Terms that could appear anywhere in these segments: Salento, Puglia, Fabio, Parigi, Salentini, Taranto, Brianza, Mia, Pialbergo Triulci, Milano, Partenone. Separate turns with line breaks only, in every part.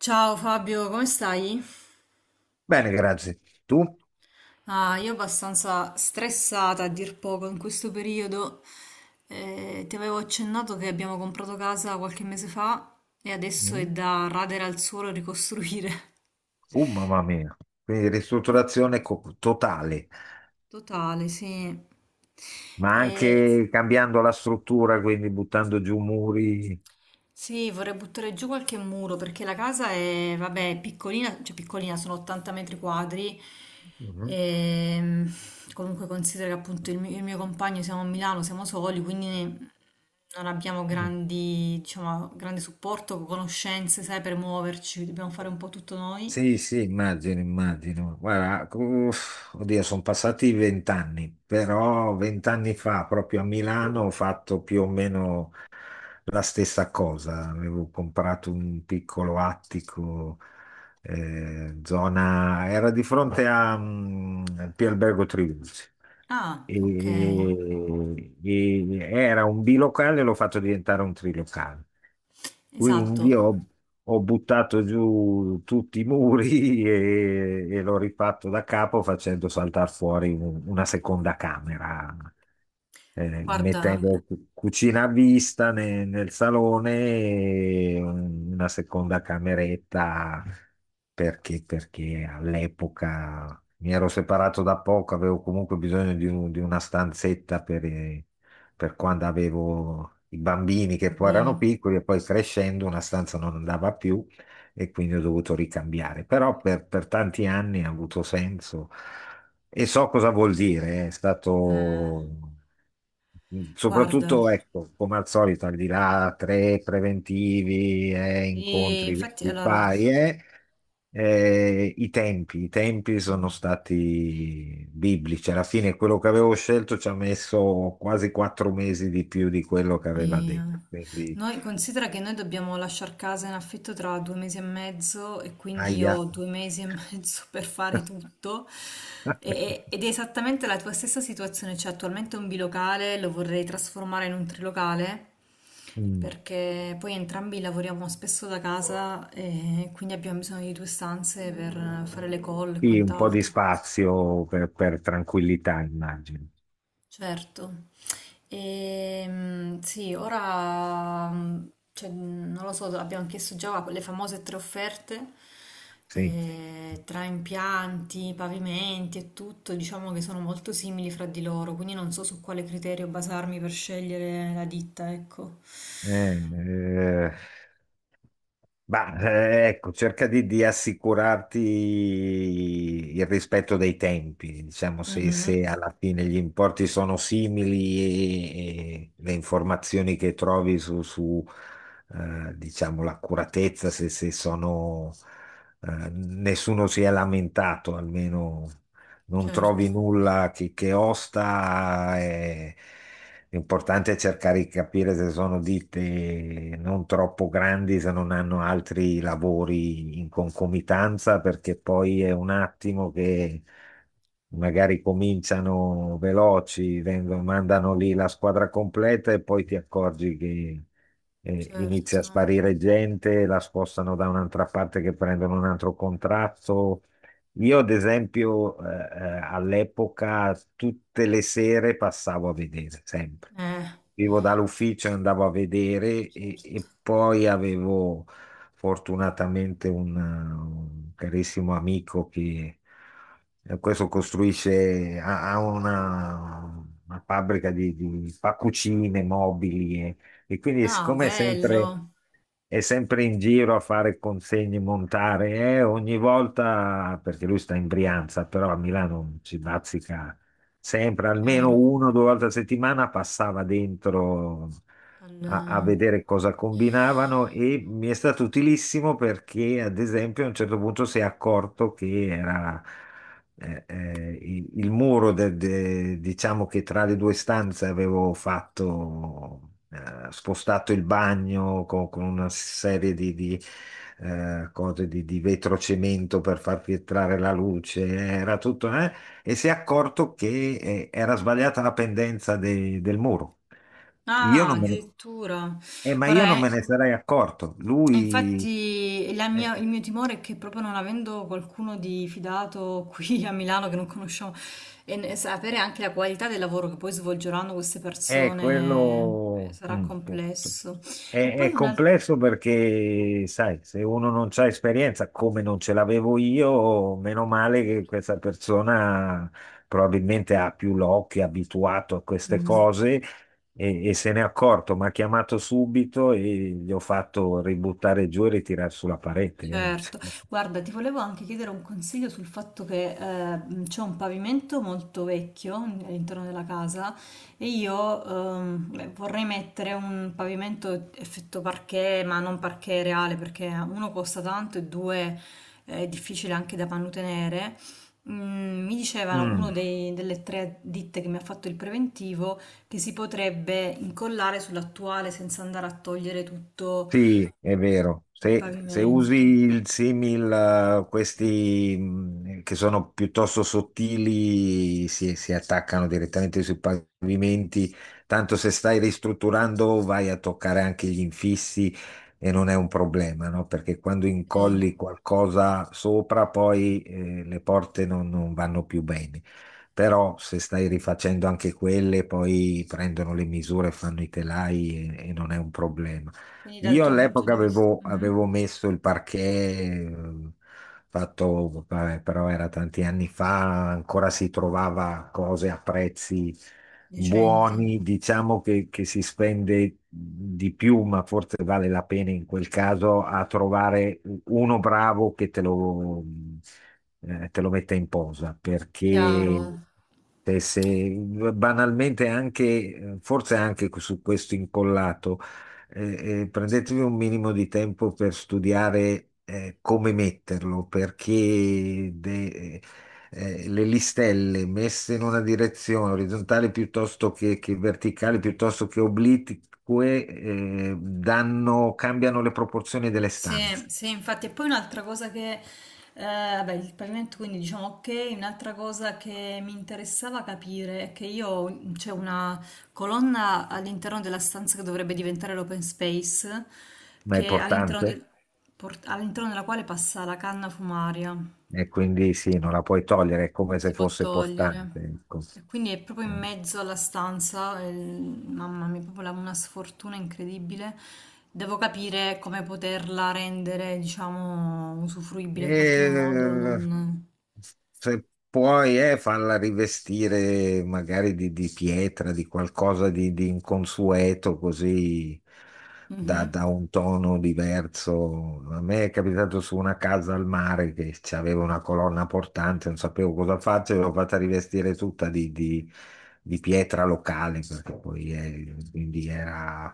Ciao Fabio, come stai?
Bene, grazie. Tu?
Ah, io abbastanza stressata a dir poco in questo periodo. Ti avevo accennato che abbiamo comprato casa qualche mese fa e adesso è
Mm.
da radere al suolo e ricostruire.
Mamma mia. Quindi ristrutturazione totale,
Totale, sì.
ma
E-
anche cambiando la struttura, quindi buttando giù muri.
Sì, vorrei buttare giù qualche muro perché la casa è, vabbè, è piccolina, cioè piccolina, sono 80 metri quadri.
Mhm.
E, Comunque considera che appunto il mio compagno siamo a Milano, siamo soli, non abbiamo grandi, diciamo, grande supporto, conoscenze, sai, per muoverci, dobbiamo fare un po' tutto noi.
Sì, sì, immagino. Guarda, uff, oddio, sono passati vent'anni, però vent'anni fa, proprio a Milano, ho fatto più o meno la stessa cosa. Avevo comprato un piccolo attico, zona, era di fronte a Pialbergo Triulci
Ah, ok,
e, era un bilocale, l'ho fatto diventare un trilocale. Quindi
esatto.
ho, ho buttato giù tutti i muri e l'ho rifatto da capo facendo saltare fuori una seconda camera,
Guarda,
mettendo cucina a vista nel salone e una seconda cameretta perché all'epoca mi ero separato da poco, avevo comunque bisogno di una stanzetta per quando avevo i bambini che poi
bambini,
erano piccoli e poi crescendo una stanza non andava più e quindi ho dovuto ricambiare. Però per tanti anni ha avuto senso e so cosa vuol dire, è
eh,
stato. Mm.
guarda,
Soprattutto, ecco, come al solito, al di là tre preventivi e
sì,
incontri
infatti
di
allora
pari, eh, i tempi sono stati biblici. Alla fine quello che avevo scelto ci ha messo quasi quattro mesi di più di quello che aveva detto.
mia.
Quindi,
Noi considera che noi dobbiamo lasciare casa in affitto tra due mesi e mezzo e quindi io
aia.
ho due mesi e mezzo per fare tutto. Ed è esattamente la tua stessa situazione, cioè attualmente un bilocale lo vorrei trasformare in un trilocale
Mm.
perché poi entrambi lavoriamo spesso da casa e quindi abbiamo bisogno di due stanze per fare le call e
Sì, un po' di
quant'altro.
spazio per tranquillità, immagino.
Certo. Sì, ora cioè, non lo so, abbiamo chiesto già le famose tre offerte. Sì.
Sì.
Tra impianti, pavimenti e tutto, diciamo che sono molto simili fra di loro, quindi non so su quale criterio basarmi per scegliere la ditta, ecco.
Eh, eh. Bah, ecco, di assicurarti il rispetto dei tempi, diciamo,
Mhm,
se alla fine gli importi sono simili e le informazioni che trovi su, diciamo, l'accuratezza, se sono, nessuno si è lamentato, almeno non
certo,
trovi nulla che osta. L'importante è cercare di capire se sono ditte non troppo grandi, se non hanno altri lavori in concomitanza, perché poi è un attimo che magari cominciano veloci, mandano lì la squadra completa e poi ti accorgi che inizia a
certo,
sparire gente, la spostano da un'altra parte che prendono un altro contratto. Io, ad esempio, all'epoca tutte le sere passavo a vedere, sempre.
eh,
Vivo dall'ufficio, e andavo a vedere
certo.
e poi avevo fortunatamente un carissimo amico che questo costruisce, ha una fabbrica di fa cucine, mobili e quindi
Ah,
siccome è sempre
bello,
è sempre in giro a fare consegne in montare, ogni volta, perché lui sta in Brianza, però a Milano ci bazzica sempre, almeno
chiaro.
uno o due volte a settimana passava dentro
Al-
a vedere cosa combinavano e mi è stato utilissimo perché, ad esempio, a un certo punto si è accorto che era il muro diciamo che tra le due stanze avevo fatto, spostato il bagno con una serie cose di vetrocemento per far filtrare la luce, era tutto, e si è accorto che era sbagliata la pendenza del muro. Io
Ah,
non me ne-
addirittura.
ma io
Guarda,
non me ne sarei accorto.
e
Lui
infatti
eh,
il mio timore è che proprio non avendo qualcuno di fidato qui a Milano che non conosciamo sapere anche la qualità del lavoro che poi svolgeranno queste
è,
persone
quello...
sarà
mm,
complesso. E
È,
poi
è
un altro...
complesso perché, sai, se uno non c'ha esperienza, come non ce l'avevo io, meno male che questa
Certo.
persona probabilmente ha più l'occhio, è abituato a
Mhm.
queste
Questo
cose e se n'è accorto. Mi ha chiamato subito e gli ho fatto ributtare giù e ritirare sulla parete.
certo,
Eh.
guarda, ti volevo anche chiedere un consiglio sul fatto che c'è un pavimento molto vecchio all'interno della casa e io beh, vorrei mettere un pavimento effetto parquet, ma non parquet reale perché uno costa tanto e due è difficile anche da mantenere. Mm, mi dicevano uno
Mm.
delle tre ditte che mi ha fatto il preventivo che si potrebbe incollare sull'attuale senza andare a togliere tutto
Sì, è vero.
il
Se usi
pavimento.
il simil, questi che sono piuttosto sottili, si attaccano direttamente sui pavimenti. Tanto se stai ristrutturando, vai a toccare anche gli infissi e non è un problema, no? Perché quando
Ok.
incolli qualcosa sopra, poi le porte non vanno più bene. Però se stai rifacendo anche quelle, poi prendono le misure, fanno i telai e non è un problema.
Quindi dal tuo punto di vista, mhm.
Avevo messo il parquet, eh, fatto, vabbè, però era tanti anni fa, ancora si trovava cose a prezzi
Decenti,
buoni, diciamo che si spende di più, ma forse vale la pena in quel caso a trovare uno bravo che te lo metta in posa,
chiaro.
perché se, se- banalmente anche, forse anche su questo incollato. Prendetevi un minimo di tempo per studiare come metterlo, le listelle messe in una direzione orizzontale piuttosto che verticale, piuttosto che oblique, danno, cambiano le proporzioni delle
Sì,
stanze,
sì, infatti, e poi un'altra cosa che, vabbè, il pavimento, quindi diciamo ok, un'altra cosa che mi interessava capire è che c'è una colonna all'interno della stanza che dovrebbe diventare l'open space,
ma è
che all'interno
portante
del- port- all'interno della quale passa la canna fumaria.
e quindi sì, non la puoi togliere, è
Non
come se
si può
fosse portante.
togliere.
Ecco.
E quindi è proprio in mezzo alla stanza, mamma mia, proprio una sfortuna incredibile. Devo capire come poterla rendere, diciamo, usufruibile in qualche modo.
E,
Non-
se puoi, farla rivestire magari di pietra, di qualcosa di inconsueto, così
mhm.
da un tono diverso. A me è capitato su una casa al mare che aveva una colonna portante, non sapevo cosa farci, l'ho fatta rivestire tutta di pietra locale, perché poi è- quindi era...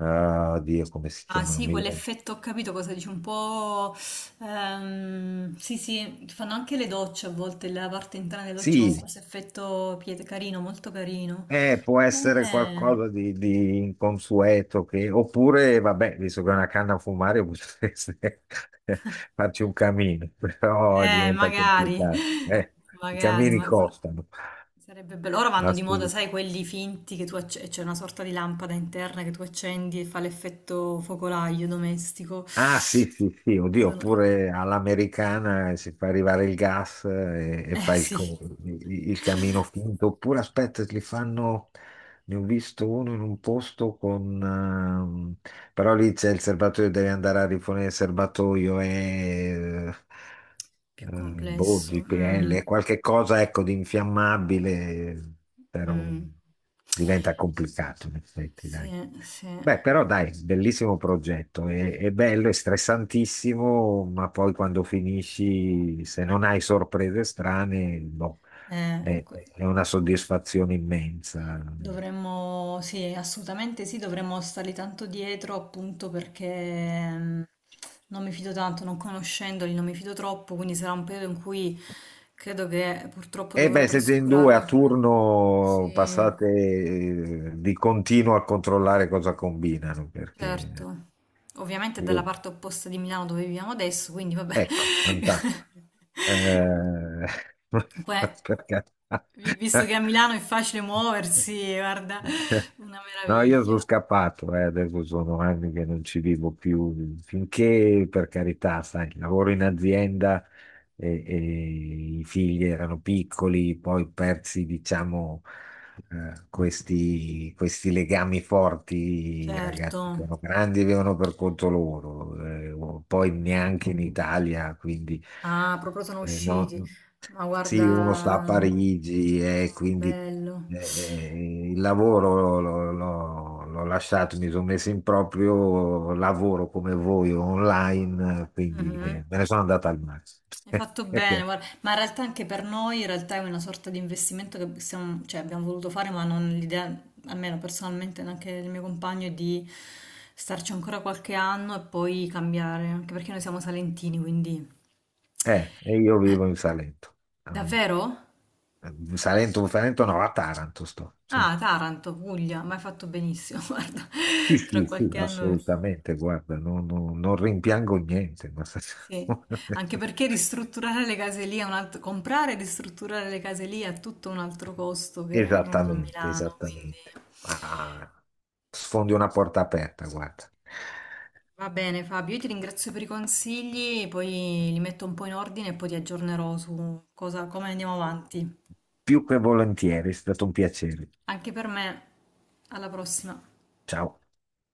ah, Dio, come si
Ah
chiamano?
sì,
Mi... viene.
quell'effetto, ho capito cosa dici, un po'... sì, sì, fanno anche le docce a volte, la parte interna delle docce con, sì,
Sì,
questo effetto piet- carino, molto carino.
eh, può essere
Eh...
qualcosa di inconsueto, che- oppure, vabbè, visto che è una canna a fumare, potreste farci un camino, però diventa
Magari,
complicato. I
magari,
camini
ma quello-
costano.
sarebbe bello. Ora vanno di moda,
Assolut-.
sai, quelli finti che tu acce- c'è una sorta di lampada interna che tu accendi e fa l'effetto focolaio domestico.
Ah, sì, sì, sì, oddio,
Sono-
oppure all'americana si fa arrivare il gas e
eh
fa
sì,
il camino finto, oppure aspetta, li fanno, ne ho visto uno in un posto con... però lì c'è il serbatoio, devi andare a rifornire il serbatoio e
più
boh,
complesso. Mm,
GPL, qualche cosa ecco di infiammabile, però
mm.
diventa complicato in effetti,
Sì,
dai.
sì.
Beh, però dai, bellissimo progetto, è bello, è stressantissimo, ma poi quando finisci, se non hai sorprese strane, boh, è,
Ecco.
è una soddisfazione immensa.
Dovremmo, sì, assolutamente sì, dovremmo starli tanto dietro appunto perché non mi fido tanto, non conoscendoli, non mi fido troppo, quindi sarà un periodo in cui credo che purtroppo
E
dovrò
beh, siete in due a
trascurare. Sì,
turno, passate di continuo a controllare cosa combinano, perché
certo. Ovviamente è dalla
io-
parte opposta di Milano dove viviamo adesso, quindi vabbè.
ecco, fantastico. Eh,
Poi,
per carità.
vi- visto che a Milano è facile muoversi, guarda, una
No, io sono
meraviglia,
scappato, adesso sono anni che non ci vivo più, finché per carità, sai, lavoro in azienda e i figli erano piccoli, poi persi, diciamo, questi legami forti, i
certo.
ragazzi sono grandi e vivono per conto loro, poi neanche in Italia, quindi
Ah, proprio sono usciti.
no,
Ma
sì, uno sta a
guarda,
Parigi e quindi
bello.
il lavoro l'ho lasciato, mi sono messo in proprio lavoro come voi online, quindi
Mhm.
me ne sono andato al mare.
Hai fatto bene,
Perché,
guarda. Ma in realtà anche per noi in realtà è una sorta di investimento che stiamo- cioè, abbiamo voluto fare, ma non l'idea, almeno personalmente, neanche il mio compagno, è di starci ancora qualche anno e poi cambiare, anche perché noi siamo salentini, quindi...
e io
Eh,
vivo in Salento. Mm,
davvero?
in Salento, in Salento no, a Taranto sto. Sì,
Ah, Taranto, Puglia, ma hai fatto benissimo, guarda,
sì,
tra
sì, sì,
qualche anno...
assolutamente, guarda, non rimpiango niente.
Sì, anche perché ristrutturare le case lì è un altro, comprare e ristrutturare le case lì è tutto un altro costo che non a
Esattamente,
Milano, quindi
esattamente. Ah, sfondi una porta aperta, guarda.
va bene Fabio, io ti ringrazio per i consigli, poi li metto un po' in ordine e poi ti aggiornerò su cosa, come andiamo avanti.
Più che volentieri, è stato un piacere.
Anche per me, alla prossima.
Ciao.